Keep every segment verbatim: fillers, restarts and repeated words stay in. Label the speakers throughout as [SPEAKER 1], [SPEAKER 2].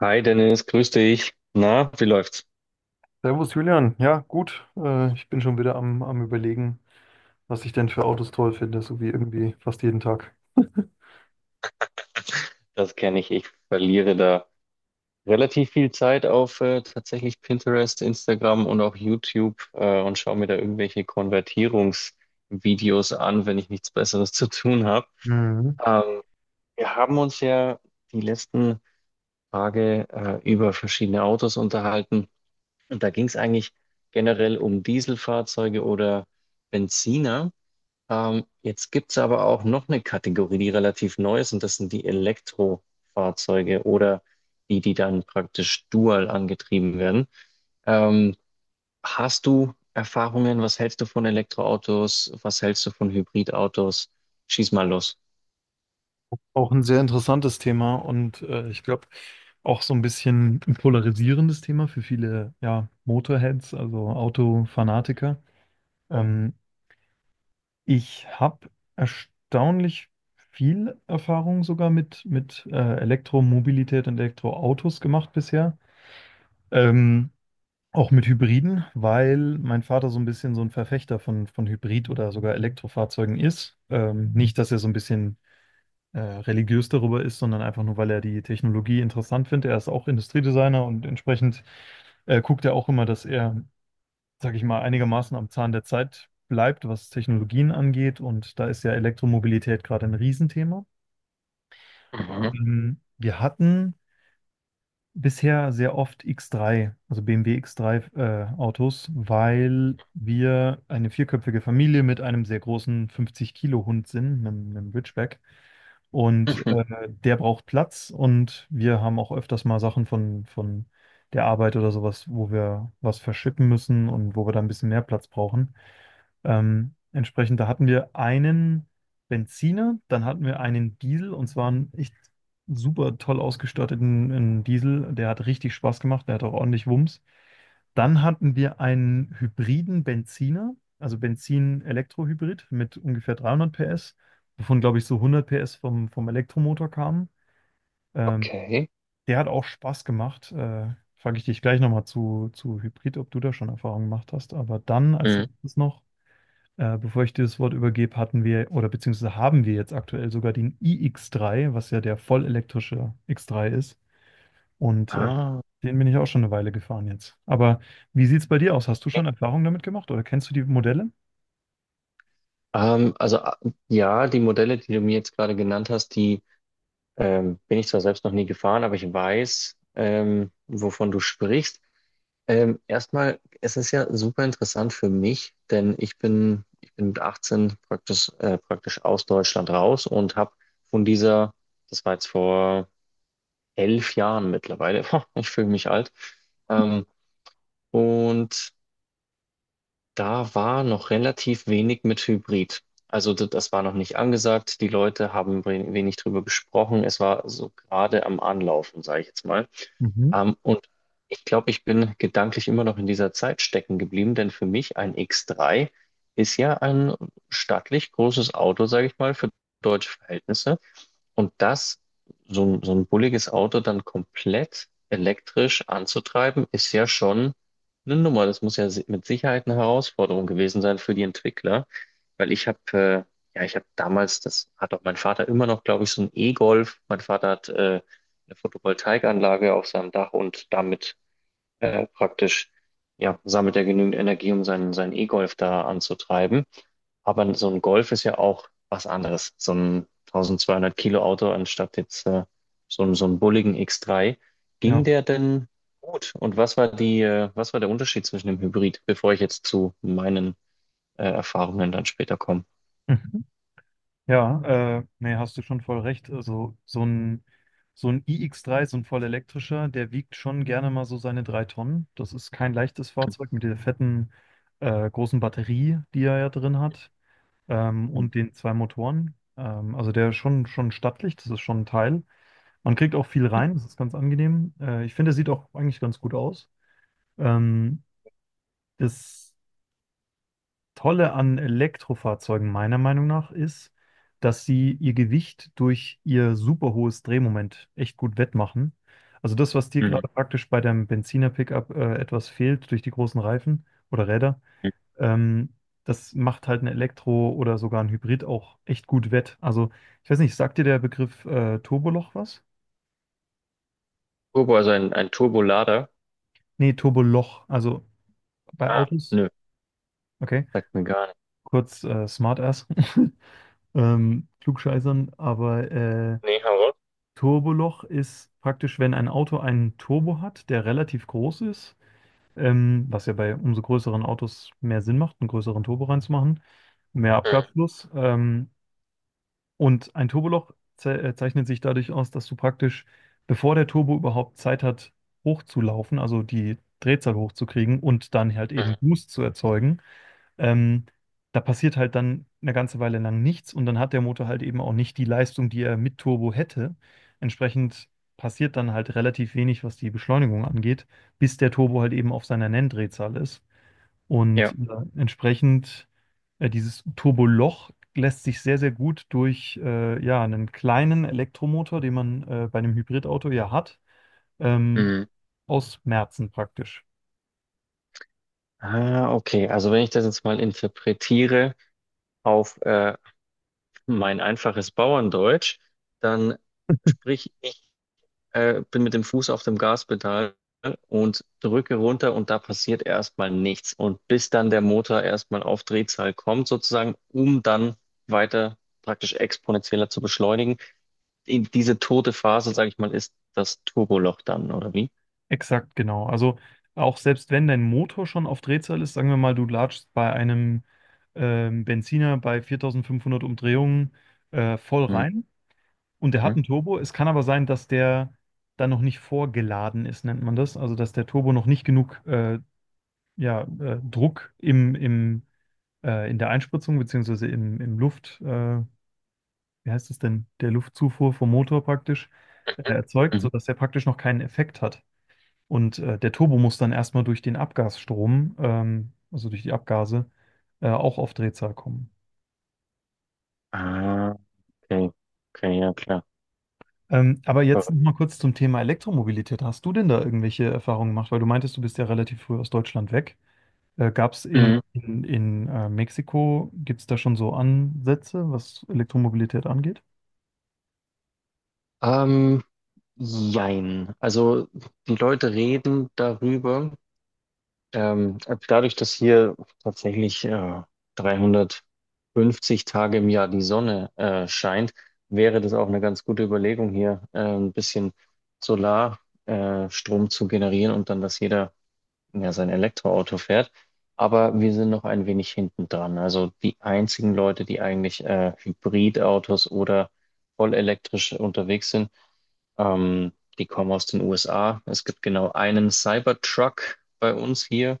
[SPEAKER 1] Hi Dennis, grüß dich. Na, wie läuft's?
[SPEAKER 2] Servus Julian, ja gut, äh, ich bin schon wieder am, am Überlegen, was ich denn für Autos toll finde, so wie irgendwie fast jeden Tag.
[SPEAKER 1] Das kenne ich. Ich verliere da relativ viel Zeit auf äh, tatsächlich Pinterest, Instagram und auch YouTube äh, und schaue mir da irgendwelche Konvertierungsvideos an, wenn ich nichts Besseres zu tun habe.
[SPEAKER 2] Mhm.
[SPEAKER 1] Ähm, Wir haben uns ja die letzten Tage äh, über verschiedene Autos unterhalten, und da ging es eigentlich generell um Dieselfahrzeuge oder Benziner. Ähm, jetzt gibt es aber auch noch eine Kategorie, die relativ neu ist, und das sind die Elektrofahrzeuge oder die, die dann praktisch dual angetrieben werden. Ähm, Hast du Erfahrungen? Was hältst du von Elektroautos? Was hältst du von Hybridautos? Schieß mal los.
[SPEAKER 2] Auch ein sehr interessantes Thema und äh, ich glaube auch so ein bisschen ein polarisierendes Thema für viele, ja, Motorheads, also Autofanatiker. Ähm, Ich habe erstaunlich viel Erfahrung sogar mit, mit äh, Elektromobilität und Elektroautos gemacht bisher. Ähm, Auch mit Hybriden, weil mein Vater so ein bisschen so ein Verfechter von, von Hybrid- oder sogar Elektrofahrzeugen ist. Ähm, nicht, dass er so ein bisschen äh, religiös darüber ist, sondern einfach nur, weil er die Technologie interessant findet. Er ist auch Industriedesigner und entsprechend äh, guckt er auch immer, dass er, sage ich mal, einigermaßen am Zahn der Zeit bleibt, was Technologien angeht. Und da ist ja Elektromobilität gerade ein Riesenthema.
[SPEAKER 1] Mhm.
[SPEAKER 2] Mhm. Wir hatten bisher sehr oft X drei, also B M W X drei äh, Autos, weil wir eine vierköpfige Familie mit einem sehr großen fünfzig-Kilo-Hund sind, einem, einem Ridgeback. Und
[SPEAKER 1] Mhm.
[SPEAKER 2] äh, der braucht Platz, und wir haben auch öfters mal Sachen von, von der Arbeit oder sowas, wo wir was verschippen müssen und wo wir da ein bisschen mehr Platz brauchen. Ähm, entsprechend, da hatten wir einen Benziner, dann hatten wir einen Diesel, und zwar einen echt super toll ausgestatteten einen Diesel. Der hat richtig Spaß gemacht, der hat auch ordentlich Wumms. Dann hatten wir einen hybriden Benziner, also Benzin-Elektrohybrid mit ungefähr dreihundert P S, wovon, glaube ich, so hundert P S vom, vom Elektromotor kamen. Ähm,
[SPEAKER 1] Okay.
[SPEAKER 2] Der hat auch Spaß gemacht. Äh, frage ich dich gleich nochmal zu, zu Hybrid, ob du da schon Erfahrung gemacht hast. Aber dann als
[SPEAKER 1] Mhm.
[SPEAKER 2] letztes noch. Äh, bevor ich dir das Wort übergebe, hatten wir, oder beziehungsweise haben wir jetzt aktuell sogar den i X drei, was ja der vollelektrische X drei ist. Und äh,
[SPEAKER 1] Ah,
[SPEAKER 2] den bin ich auch schon eine Weile gefahren jetzt. Aber wie sieht es bei dir aus? Hast du schon Erfahrungen damit gemacht oder kennst du die Modelle?
[SPEAKER 1] ähm, also a- ja, die Modelle, die du mir jetzt gerade genannt hast, die Ähm, bin ich zwar selbst noch nie gefahren, aber ich weiß, ähm, wovon du sprichst. Ähm, erstmal, es ist ja super interessant für mich, denn ich bin, ich bin mit achtzehn praktisch, äh, praktisch aus Deutschland raus und habe von dieser, das war jetzt vor elf Jahren mittlerweile, ich fühle mich alt, ähm, und da war noch relativ wenig mit Hybrid. Also d- das war noch nicht angesagt. Die Leute haben we- wenig drüber gesprochen. Es war so gerade am Anlaufen, sage ich jetzt mal.
[SPEAKER 2] Mhm.
[SPEAKER 1] Ähm, und Ich glaube, ich bin gedanklich immer noch in dieser Zeit stecken geblieben, denn für mich ein X drei ist ja ein stattlich großes Auto, sage ich mal, für deutsche Verhältnisse. Und das, so ein, so ein bulliges Auto dann komplett elektrisch anzutreiben, ist ja schon eine Nummer. Das muss ja si- mit Sicherheit eine Herausforderung gewesen sein für die Entwickler, weil ich habe, äh, ja, ich habe damals, das hat auch mein Vater immer noch, glaube ich, so ein E-Golf. Mein Vater hat äh, eine Photovoltaikanlage auf seinem Dach, und damit äh, praktisch, ja, sammelt er genügend Energie, um seinen, seinen E-Golf da anzutreiben. Aber so ein Golf ist ja auch was anderes. So ein eintausendzweihundert Kilo Auto anstatt jetzt äh, so, ein- so einen bulligen X drei.
[SPEAKER 2] Ja.
[SPEAKER 1] Ging der denn gut? Und was war die, äh, was war der Unterschied zwischen dem Hybrid, bevor ich jetzt zu meinen äh, Erfahrungen dann später komme?
[SPEAKER 2] Mhm. Ja, äh, nee, hast du schon voll recht. Also so ein, so ein i X drei, so ein vollelektrischer, der wiegt schon gerne mal so seine drei Tonnen. Das ist kein leichtes Fahrzeug mit der fetten, äh, großen Batterie, die er ja drin hat. Ähm,
[SPEAKER 1] Mhm.
[SPEAKER 2] und den zwei Motoren. Ähm, also der ist schon, schon stattlich, das ist schon ein Teil. Man kriegt auch viel rein, das ist ganz angenehm. Äh, ich finde, der sieht auch eigentlich ganz gut aus. Ähm, Das Tolle an Elektrofahrzeugen meiner Meinung nach ist, dass sie ihr Gewicht durch ihr super hohes Drehmoment echt gut wettmachen. Also das, was dir
[SPEAKER 1] Mhm.
[SPEAKER 2] gerade praktisch bei deinem Benziner-Pickup äh, etwas fehlt durch die großen Reifen oder Räder. Ähm, Das macht halt ein Elektro- oder sogar ein Hybrid auch echt gut wett. Also, ich weiß nicht, sagt dir der Begriff äh, Turboloch was?
[SPEAKER 1] Turbo, also ein, ein Turbolader?
[SPEAKER 2] Nee, Turboloch. Also bei
[SPEAKER 1] Ah,
[SPEAKER 2] Autos,
[SPEAKER 1] nö,
[SPEAKER 2] okay,
[SPEAKER 1] sagt mir gar nicht.
[SPEAKER 2] kurz äh, Smartass, ähm, Klugscheißern, aber äh,
[SPEAKER 1] Nee, hau raus.
[SPEAKER 2] Turboloch ist praktisch, wenn ein Auto einen Turbo hat, der relativ groß ist, ähm, was ja bei umso größeren Autos mehr Sinn macht, einen größeren Turbo reinzumachen, mehr
[SPEAKER 1] Mhm.
[SPEAKER 2] Abgasfluss. Ähm, Und ein Turboloch ze äh, zeichnet sich dadurch aus, dass du praktisch, bevor der Turbo überhaupt Zeit hat hochzulaufen, also die Drehzahl hochzukriegen und dann halt eben
[SPEAKER 1] Mhm.
[SPEAKER 2] Boost zu erzeugen, ähm, da passiert halt dann eine ganze Weile lang nichts, und dann hat der Motor halt eben auch nicht die Leistung, die er mit Turbo hätte. Entsprechend passiert dann halt relativ wenig, was die Beschleunigung angeht, bis der Turbo halt eben auf seiner Nenndrehzahl ist. Und äh, entsprechend äh, dieses Turboloch lässt sich sehr, sehr gut durch äh, ja, einen kleinen Elektromotor, den man äh, bei einem Hybridauto ja hat, ähm,
[SPEAKER 1] Ja.
[SPEAKER 2] ausmerzen praktisch.
[SPEAKER 1] Ah, okay. Also wenn ich das jetzt mal interpretiere auf äh, mein einfaches Bauerndeutsch, dann sprich, ich äh, bin mit dem Fuß auf dem Gaspedal und drücke runter, und da passiert erstmal nichts. Und bis dann der Motor erstmal auf Drehzahl kommt, sozusagen, um dann weiter praktisch exponentieller zu beschleunigen. In diese tote Phase, sage ich mal, ist das Turboloch dann, oder wie?
[SPEAKER 2] Exakt, genau. Also auch selbst wenn dein Motor schon auf Drehzahl ist, sagen wir mal, du latschst bei einem ähm, Benziner bei viertausendfünfhundert Umdrehungen äh, voll
[SPEAKER 1] Mhm.
[SPEAKER 2] rein und der hat einen Turbo. Es kann aber sein, dass der dann noch nicht vorgeladen ist, nennt man das. Also, dass der Turbo noch nicht genug äh, ja, äh, Druck im, im, äh, in der Einspritzung, beziehungsweise im, im Luft, äh, wie heißt es denn, der Luftzufuhr vom Motor praktisch äh, erzeugt,
[SPEAKER 1] Mhm.
[SPEAKER 2] sodass der praktisch noch keinen Effekt hat. Und äh, der Turbo muss dann erstmal durch den Abgasstrom, ähm, also durch die Abgase, äh, auch auf Drehzahl kommen.
[SPEAKER 1] Ah, okay. Okay, ja klar.
[SPEAKER 2] Ähm, aber jetzt noch mal kurz zum Thema Elektromobilität. Hast du denn da irgendwelche Erfahrungen gemacht? Weil du meintest, du bist ja relativ früh aus Deutschland weg. Äh, gab es in,
[SPEAKER 1] Mhm.
[SPEAKER 2] in, in äh, Mexiko, gibt es da schon so Ansätze, was Elektromobilität angeht?
[SPEAKER 1] Ähm, Jein. Also die Leute reden darüber. Ähm, Dadurch, dass hier tatsächlich äh, dreihundertfünfzig Tage im Jahr die Sonne äh, scheint, wäre das auch eine ganz gute Überlegung, hier äh, ein bisschen Solarstrom äh, Strom zu generieren, und dann, dass jeder ja sein Elektroauto fährt. Aber wir sind noch ein wenig hinten dran. Also die einzigen Leute, die eigentlich äh, Hybridautos oder voll elektrisch unterwegs sind, ähm, die kommen aus den U S A. Es gibt genau einen Cybertruck bei uns hier,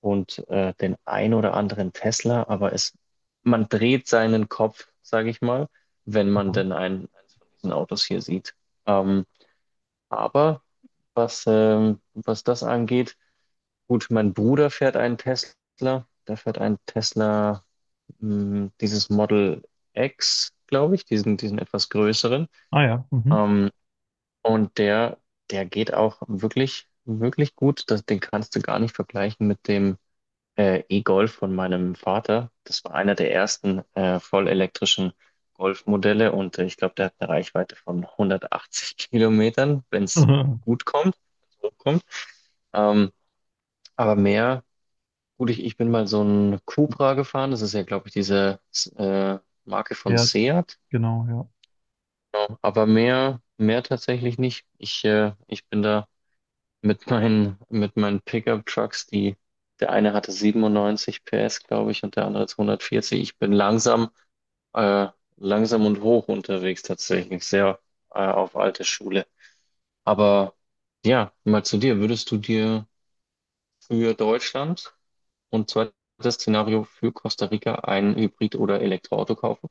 [SPEAKER 1] und äh, den ein oder anderen Tesla, aber es, man dreht seinen Kopf, sage ich mal, wenn man
[SPEAKER 2] Ja.
[SPEAKER 1] denn ein, eins von diesen Autos hier sieht. Ähm, aber was, ähm, was das angeht, gut, mein Bruder fährt einen Tesla, der fährt einen Tesla, mh, dieses Model X, glaube ich, diesen, diesen etwas größeren.
[SPEAKER 2] Ah, ja. Mhm.
[SPEAKER 1] Ähm, und der, Der geht auch wirklich, wirklich gut. Das, den kannst du gar nicht vergleichen mit dem äh, E-Golf von meinem Vater. Das war einer der ersten äh, vollelektrischen Golfmodelle, und äh, ich glaube, der hat eine Reichweite von hundertachtzig Kilometern, wenn es gut kommt, wenn's hochkommt. Ähm, aber mehr, gut, ich, ich bin mal so ein Cupra gefahren. Das ist ja, glaube ich, diese äh, Marke von
[SPEAKER 2] Ja,
[SPEAKER 1] Seat.
[SPEAKER 2] genau, ja.
[SPEAKER 1] Genau. Aber mehr, mehr tatsächlich nicht. Ich, äh, ich bin da mit meinen, mit meinen Pickup-Trucks, die, der eine hatte siebenundneunzig P S, glaube ich, und der andere zweihundertvierzig. Ich bin langsam, äh, langsam und hoch unterwegs tatsächlich, sehr, äh, auf alte Schule. Aber ja, mal zu dir. Würdest du dir für Deutschland und zweites Szenario für Costa Rica ein Hybrid- oder Elektroauto kaufen?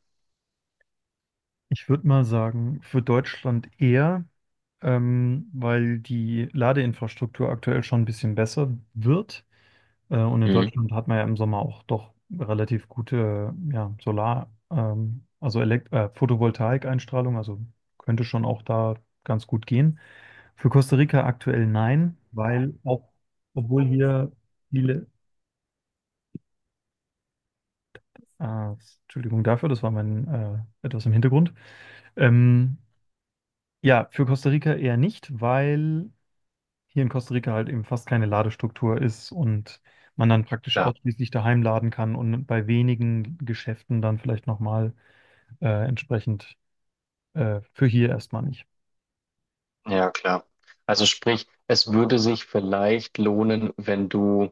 [SPEAKER 2] Ich würde mal sagen, für Deutschland eher, ähm, weil die Ladeinfrastruktur aktuell schon ein bisschen besser wird. Äh, und in
[SPEAKER 1] Mhm.
[SPEAKER 2] Deutschland hat man ja im Sommer auch doch relativ gute, äh, ja, Solar, ähm, also Elekt äh, Photovoltaik-Einstrahlung, also könnte schon auch da ganz gut gehen. Für Costa Rica aktuell nein, weil auch, obwohl hier viele, ah, Entschuldigung dafür, das war mein, äh, etwas im Hintergrund. Ähm, ja, für Costa Rica eher nicht, weil hier in Costa Rica halt eben fast keine Ladestruktur ist und man dann praktisch
[SPEAKER 1] Klar,
[SPEAKER 2] ausschließlich daheim laden kann und bei wenigen Geschäften dann vielleicht nochmal, äh, entsprechend äh, für hier erstmal nicht.
[SPEAKER 1] ja klar. Also sprich, es würde sich vielleicht lohnen, wenn du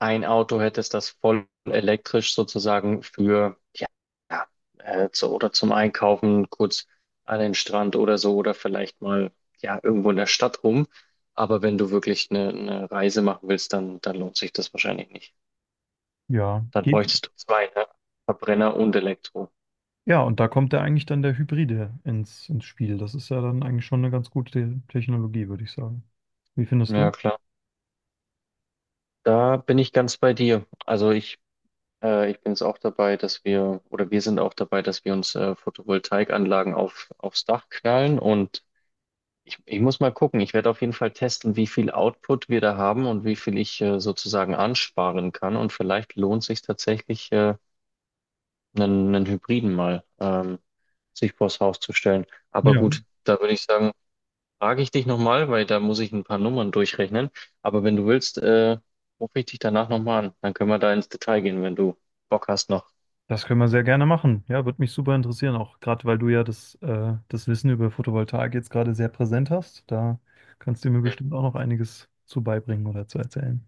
[SPEAKER 1] ein Auto hättest, das voll elektrisch sozusagen für, ja, ja, äh, zu, oder zum Einkaufen, kurz an den Strand oder so, oder vielleicht mal, ja, irgendwo in der Stadt rum. Aber wenn du wirklich eine, eine Reise machen willst, dann, dann lohnt sich das wahrscheinlich nicht.
[SPEAKER 2] Ja,
[SPEAKER 1] Dann
[SPEAKER 2] geht.
[SPEAKER 1] bräuchtest du zwei, ne? Verbrenner und Elektro.
[SPEAKER 2] Ja, und da kommt ja eigentlich dann der Hybride ins, ins Spiel. Das ist ja dann eigentlich schon eine ganz gute Technologie, würde ich sagen. Wie findest du?
[SPEAKER 1] Ja, klar. Da bin ich ganz bei dir. Also ich, äh, ich bin jetzt auch dabei, dass wir, oder wir sind auch dabei, dass wir uns äh, Photovoltaikanlagen auf, aufs Dach knallen und Ich, ich muss mal gucken. Ich werde auf jeden Fall testen, wie viel Output wir da haben und wie viel ich äh, sozusagen ansparen kann. Und vielleicht lohnt sich tatsächlich, äh, einen, einen Hybriden mal ähm, sich vors Haus zu stellen. Aber
[SPEAKER 2] Ja.
[SPEAKER 1] gut, da würde ich sagen, frage ich dich nochmal, weil da muss ich ein paar Nummern durchrechnen. Aber wenn du willst, äh, rufe ich dich danach nochmal an. Dann können wir da ins Detail gehen, wenn du Bock hast noch.
[SPEAKER 2] Das können wir sehr gerne machen. Ja, würde mich super interessieren, auch gerade weil du ja das, äh, das Wissen über Photovoltaik jetzt gerade sehr präsent hast. Da kannst du mir bestimmt auch noch einiges zu beibringen oder zu erzählen.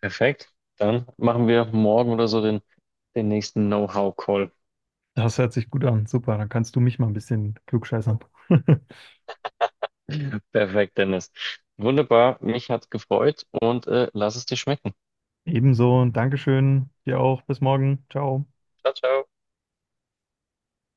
[SPEAKER 1] Perfekt. Dann machen wir morgen oder so den, den nächsten Know-how-Call.
[SPEAKER 2] Das hört sich gut an. Super, dann kannst du mich mal ein bisschen klugscheißern.
[SPEAKER 1] Perfekt, Dennis. Wunderbar, mich hat's gefreut und äh, lass es dir schmecken.
[SPEAKER 2] Ebenso, Dankeschön, dir auch. Bis morgen. Ciao.
[SPEAKER 1] Ciao, ciao.